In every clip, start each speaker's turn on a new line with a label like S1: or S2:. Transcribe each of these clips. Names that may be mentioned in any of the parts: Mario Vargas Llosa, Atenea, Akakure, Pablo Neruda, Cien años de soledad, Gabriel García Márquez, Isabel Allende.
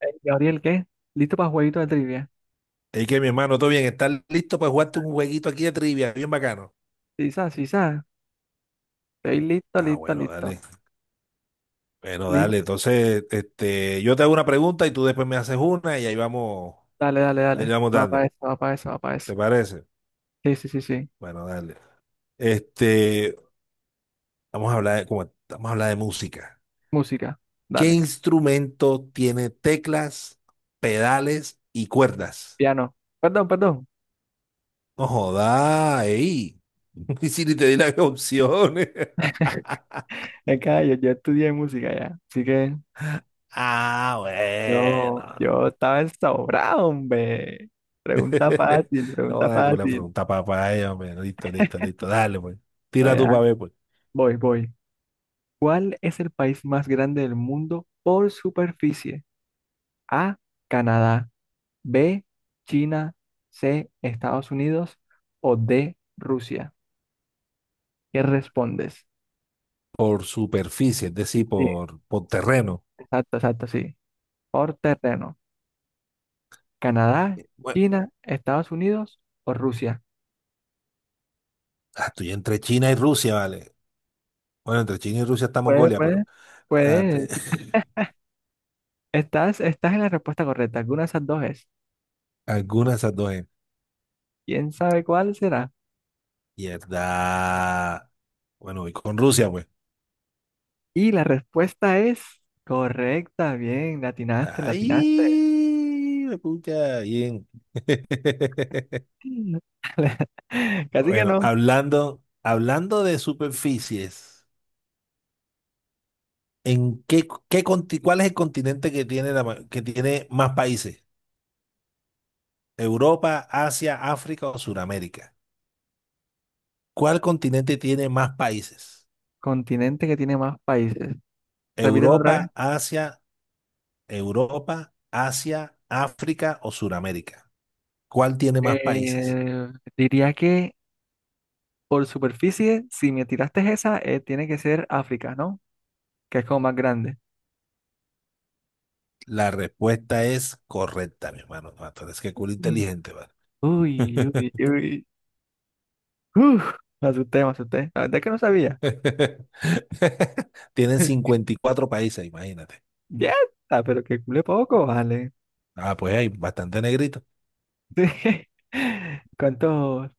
S1: Gabriel, ¿qué? ¿Listo para jueguito de trivia?
S2: Es que mi hermano, todo bien, ¿estás listo para jugarte un jueguito aquí de trivia? Bien bacano.
S1: Sí, sa, sí, sa. Estoy listo,
S2: Ah,
S1: listo,
S2: bueno,
S1: listo.
S2: dale. Bueno,
S1: Listo.
S2: dale. Entonces, este, yo te hago una pregunta y tú después me haces una y ahí vamos,
S1: Dale, dale,
S2: ahí le
S1: dale.
S2: vamos
S1: Va para
S2: dando.
S1: eso, va para eso, va para eso.
S2: ¿Te parece?
S1: Sí, sí, sí, sí.
S2: Bueno, dale. Este, vamos a hablar de, como, vamos a hablar de música.
S1: Música.
S2: ¿Qué
S1: Dale.
S2: instrumento tiene teclas, pedales y cuerdas?
S1: Piano. Perdón, perdón.
S2: No joda, ey. Y si ni te di las opciones.
S1: Es que yo estudié música ya. Así que
S2: Ah,
S1: yo,
S2: bueno.
S1: yo estaba sobrado, hombre. Pregunta fácil,
S2: No,
S1: pregunta
S2: con la
S1: fácil.
S2: pregunta papaya, hombre. Listo, listo, listo. Dale, pues.
S1: Pero
S2: Tira tu
S1: ya,
S2: para ver, pues.
S1: voy. ¿Cuál es el país más grande del mundo por superficie? A, Canadá. B, China. C, Estados Unidos o D, Rusia. ¿Qué respondes?
S2: Por superficie, es decir,
S1: Sí,
S2: por terreno.
S1: exacto, exacto, sí. Por terreno, Canadá,
S2: Bueno,
S1: China, Estados Unidos o Rusia.
S2: estoy entre China y Rusia, vale. Bueno, entre China y Rusia está
S1: Puede,
S2: Mongolia, pero
S1: puede,
S2: ah, te-
S1: puede. Estás en la respuesta correcta. Alguna de esas dos es.
S2: Alguna de esas dos es.
S1: ¿Quién sabe cuál será?
S2: Mierda. Bueno, voy con Rusia, pues.
S1: Y la respuesta es correcta. Bien, latinaste, latinaste.
S2: Ay, me pucha, bien.
S1: Casi que
S2: Bueno,
S1: no.
S2: hablando de superficies. ¿En qué, qué conti- Cuál es el continente que tiene, que tiene más países? ¿Europa, Asia, África o Sudamérica? ¿Cuál continente tiene más países?
S1: Continente que tiene más países. Repíteme otra vez.
S2: ¿Europa, Asia, Europa, Asia, África o Sudamérica? ¿Cuál tiene más países?
S1: Eh, diría que por superficie, si me tiraste esa, tiene que ser África, ¿no? Que es como más grande.
S2: La respuesta es correcta, mi hermano. No, tú eres que culo
S1: Mm.
S2: inteligente, ¿vale?
S1: Uy, uy, uy. Uf, me asusté, me asusté. La verdad es que no sabía.
S2: Tienen 54 países, imagínate.
S1: Ya, está, pero que cule poco, vale.
S2: Ah, pues hay bastante negrito.
S1: Sí. ¿Cuántos?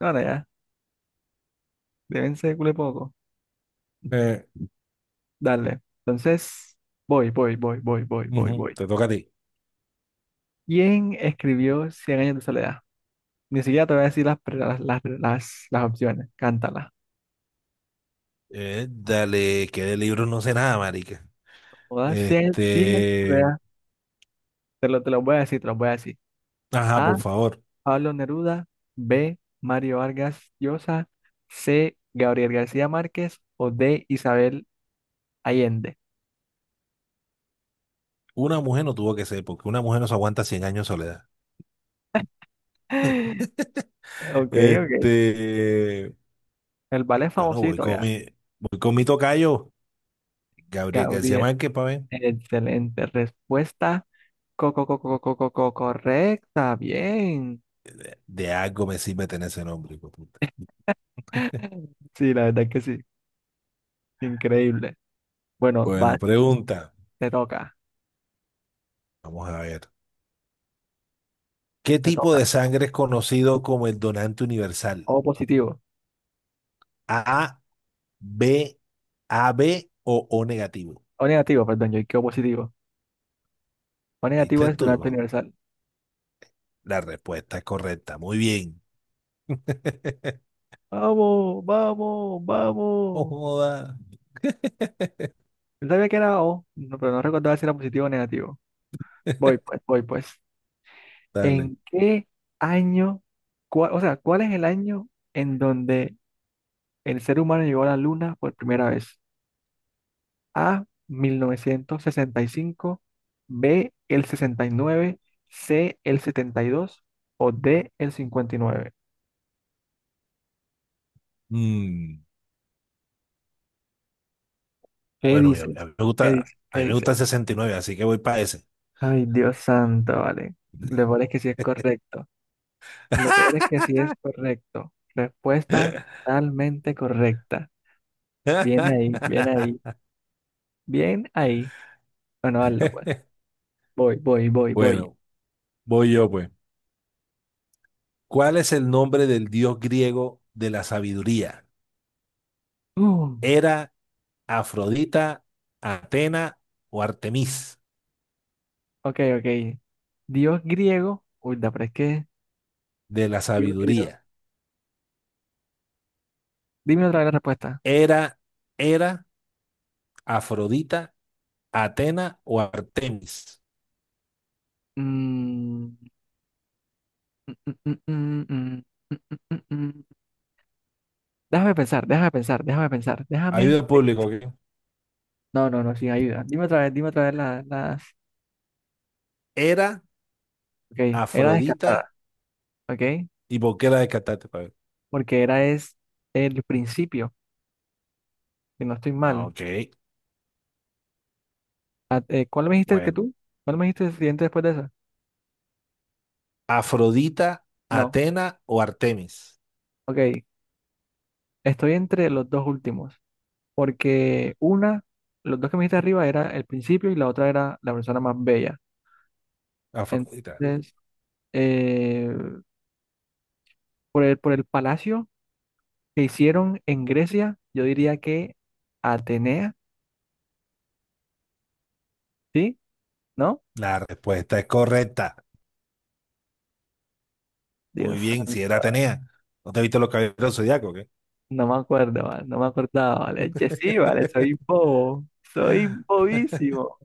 S1: No, no, ya. Deben ser cule poco.
S2: Eh,
S1: Dale. Entonces, voy, voy, voy, voy, voy, voy,
S2: ujú,
S1: voy.
S2: te toca a ti.
S1: ¿Quién escribió Cien años de soledad? Ni siquiera te voy a decir las, pre- las opciones. Cántala.
S2: Dale, que de libros no sé nada, marica.
S1: Todas, Cien años de
S2: Este,
S1: soledad. Te lo voy a decir.
S2: ajá,
S1: A.
S2: por favor.
S1: Pablo Neruda. B. Mario Vargas Llosa. C. Gabriel García Márquez. O D. Isabel Allende.
S2: Una mujer no tuvo que ser, porque una mujer no se aguanta 100 años de soledad.
S1: Ok, ok.
S2: Este,
S1: El ballet es
S2: bueno, voy
S1: famosito
S2: con
S1: ya.
S2: mi, voy con mi tocayo, Gabriel García
S1: Gabriel,
S2: Márquez, pa' ver.
S1: excelente respuesta. Correcta. Bien.
S2: De algo me sirve tener ese nombre, hijo de puta.
S1: Sí, la verdad es que sí. Increíble. Bueno,
S2: Bueno, pregunta.
S1: te toca,
S2: Vamos a ver. ¿Qué
S1: te
S2: tipo
S1: toca.
S2: de
S1: Te toca.
S2: sangre es conocido como el donante universal?
S1: O positivo.
S2: A, B, AB o O negativo.
S1: O negativo, perdón, yo dije O positivo. O negativo
S2: ¿Viste
S1: es
S2: tú?
S1: donante
S2: No.
S1: universal.
S2: La respuesta es correcta. Muy bien.
S1: Vamos, vamos,
S2: No
S1: vamos.
S2: joda.
S1: Yo sabía que era O, pero no recordaba si era positivo o negativo. Voy pues, voy pues.
S2: Dale.
S1: ¿En qué año, cuál es el año en donde el ser humano llegó a la Luna por primera vez? A, 1965, B, el 69, C, el 72 o D, el 59.
S2: Mm,
S1: ¿Qué
S2: bueno,
S1: dices?
S2: a mí me
S1: ¿Qué dices?
S2: gusta,
S1: ¿Qué
S2: a mí me gusta
S1: dices?
S2: el 69, así que voy para ese.
S1: Ay, Dios santo, vale. Lo peor es que sí es correcto. Lo peor es que sí es correcto. Respuesta totalmente correcta. Bien ahí, bien ahí, bien ahí. Bueno, hazlo pues. Voy, voy, voy, voy.
S2: Bueno, voy yo pues. ¿Cuál es el nombre del dios griego de la sabiduría?
S1: Uh,
S2: ¿Era Afrodita, Atena o Artemis
S1: ok, ok. Dios griego. Uy, pero es que.
S2: de la
S1: Dios griego.
S2: sabiduría?
S1: Dime otra vez la respuesta.
S2: ¿Era, era Afrodita, Atena o Artemis?
S1: Mm, mm, mm, mm, mm, mm, mm, mm, mm. Déjame pensar, déjame pensar, déjame pensar. Déjame.
S2: Ayuda al público, ¿ok?
S1: No, no, no, sin ayuda. Dime otra vez, las.
S2: ¿Era
S1: Ok, era
S2: Afrodita
S1: descartada, ok.
S2: y Boquera de Catate pa' ver?
S1: Porque era es el principio. Si no estoy
S2: Ah,
S1: mal.
S2: ok.
S1: ¿Cuál me dijiste que
S2: Bueno.
S1: tú? ¿Cuál me dijiste el siguiente después de esa?
S2: Afrodita,
S1: No,
S2: Atena o Artemis.
S1: ok. Estoy entre los dos últimos, porque una, los dos que me dijiste arriba era el principio y la otra era la persona más bella.
S2: Afrodita.
S1: Entonces, eh, por el palacio que hicieron en Grecia, yo diría que Atenea, ¿sí? ¿No?
S2: La respuesta es correcta. Muy
S1: Dios
S2: bien, si
S1: santo,
S2: era Atenea. ¿No te viste los caballeros del zodiaco o qué?
S1: no me acuerdo, vale, no me acordaba, vale. Che, sí, vale, soy bobo, soy bobísimo,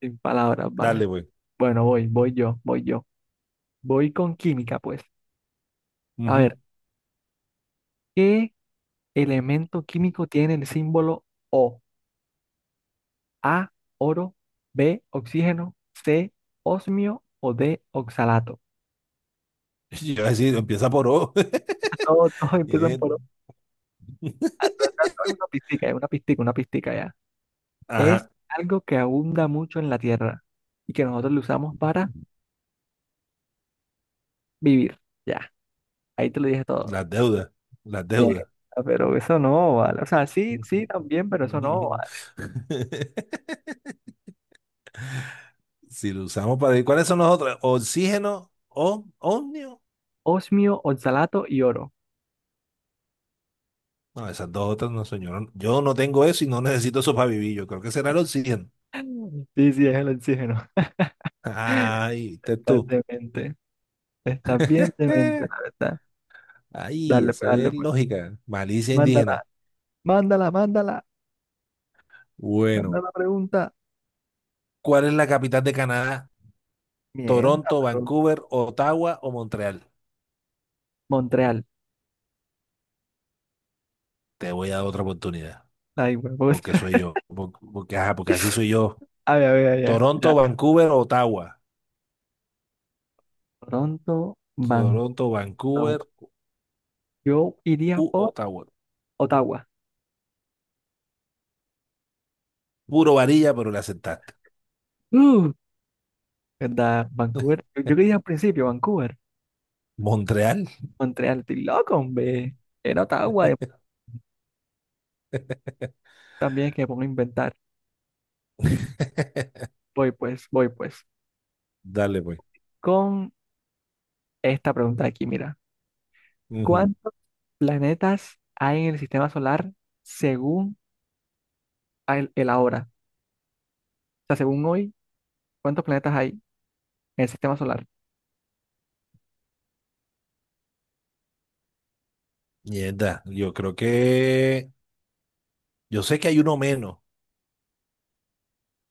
S1: sin palabras, vale.
S2: Dale, güey.
S1: Bueno, voy yo, voy yo. Voy con química, pues. A
S2: Ujú.
S1: ver, ¿qué elemento químico tiene el símbolo O? A, oro, B, oxígeno, C, osmio o D, oxalato.
S2: Yo iba a decir, empieza por O.
S1: Todos empiezan por O.
S2: Bien.
S1: Ah, todo es una pistica ya. Es
S2: Ajá,
S1: algo que abunda mucho en la Tierra y que nosotros lo usamos para vivir. Ya, ahí te lo dije todo.
S2: las deudas, las
S1: Bien.
S2: deudas.
S1: Ah, pero eso no vale. O sea, sí, sí, también, pero eso no vale.
S2: Si lo usamos para... ¿Y cuáles son los otros? ¿Oxígeno o ómnio?
S1: Osmio, oxalato y oro.
S2: No, esas dos otras no, señor. Yo no tengo eso y no necesito eso para vivir. Yo creo que será el oxígeno.
S1: Sí, sí, es el oxígeno.
S2: Ay, viste
S1: Estás
S2: tú.
S1: demente. Estás bien demente,
S2: Eh,
S1: la verdad.
S2: ay,
S1: Dale,
S2: eso
S1: pues, dale,
S2: es
S1: pues.
S2: lógica. Malicia indígena.
S1: Mándala, mándala, mándala. Manda
S2: Bueno,
S1: la pregunta.
S2: ¿cuál es la capital de Canadá?
S1: Mierda,
S2: ¿Toronto,
S1: pero.
S2: Vancouver, Ottawa o Montreal?
S1: Montreal.
S2: Te voy a dar otra oportunidad.
S1: Ay, huevos.
S2: Porque soy yo. Porque, ajá, porque así soy yo.
S1: A ver, a ver, a ver. Ya.
S2: Toronto, Vancouver, Ottawa.
S1: Toronto, Vancouver,
S2: Toronto,
S1: Ottawa.
S2: Vancouver
S1: Yo iría
S2: u
S1: por
S2: Ottawa.
S1: Ottawa.
S2: Puro varilla, pero la aceptaste.
S1: Uh, ¿Verdad? Vancouver. Yo quería al principio Vancouver.
S2: Montreal.
S1: Montreal, estoy loco, hombre. Era Ottawa. Y también que me pongo a inventar. Voy pues, voy pues.
S2: Dale, pues.
S1: Con esta pregunta de aquí, mira.
S2: Ujú.
S1: ¿Cuántos planetas hay en el sistema solar según el ahora? O sea, según hoy, ¿cuántos planetas hay en el sistema solar?
S2: Mierda, yo creo que. Yo sé que hay uno menos,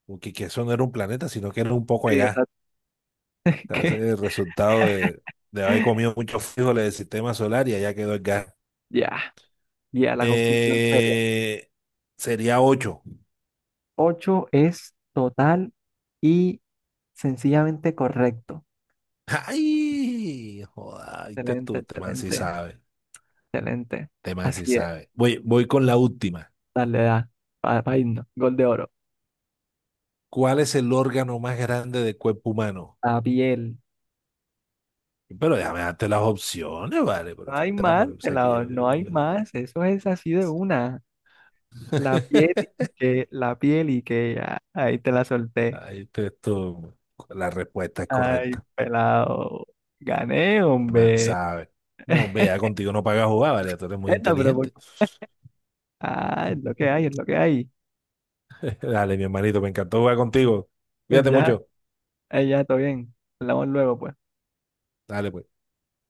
S2: porque que eso no era un planeta, sino que era un poco
S1: Sí,
S2: de gas.
S1: exacto.
S2: O sea, ese
S1: que
S2: es el resultado de haber comido muchos frijoles del sistema solar y allá quedó el gas.
S1: ya, ya, la conclusión seria
S2: Eh, sería 8.
S1: ocho es total y sencillamente correcto.
S2: ¡Ay! Joda, viste
S1: Excelente,
S2: tú, este man sí
S1: excelente,
S2: sabe.
S1: excelente.
S2: Este man sí
S1: Así es.
S2: sabe. Voy con la última.
S1: Dale, da. Para irnos. Gol de oro.
S2: ¿Cuál es el órgano más grande del cuerpo humano?
S1: La piel.
S2: Pero déjame darte las opciones, vale,
S1: No
S2: pero tú
S1: hay
S2: estás
S1: más,
S2: o sea que
S1: pelado,
S2: yo,
S1: no
S2: yo-
S1: hay
S2: yo-
S1: más. Eso es así de una. La piel y que, la piel y que ya, ahí te la solté.
S2: Ahí te- tú- la respuesta es
S1: Ay,
S2: correcta,
S1: pelado. Gané,
S2: más
S1: hombre.
S2: sabe. No, vea, contigo no paga jugar, vale, tú eres muy
S1: Esta, pero por-
S2: inteligente.
S1: Ah, es lo que hay, es lo que hay.
S2: Dale, mi hermanito, me encantó jugar contigo. Cuídate
S1: Ya,
S2: mucho.
S1: ya, todo bien. Hablamos luego, pues.
S2: Dale, pues.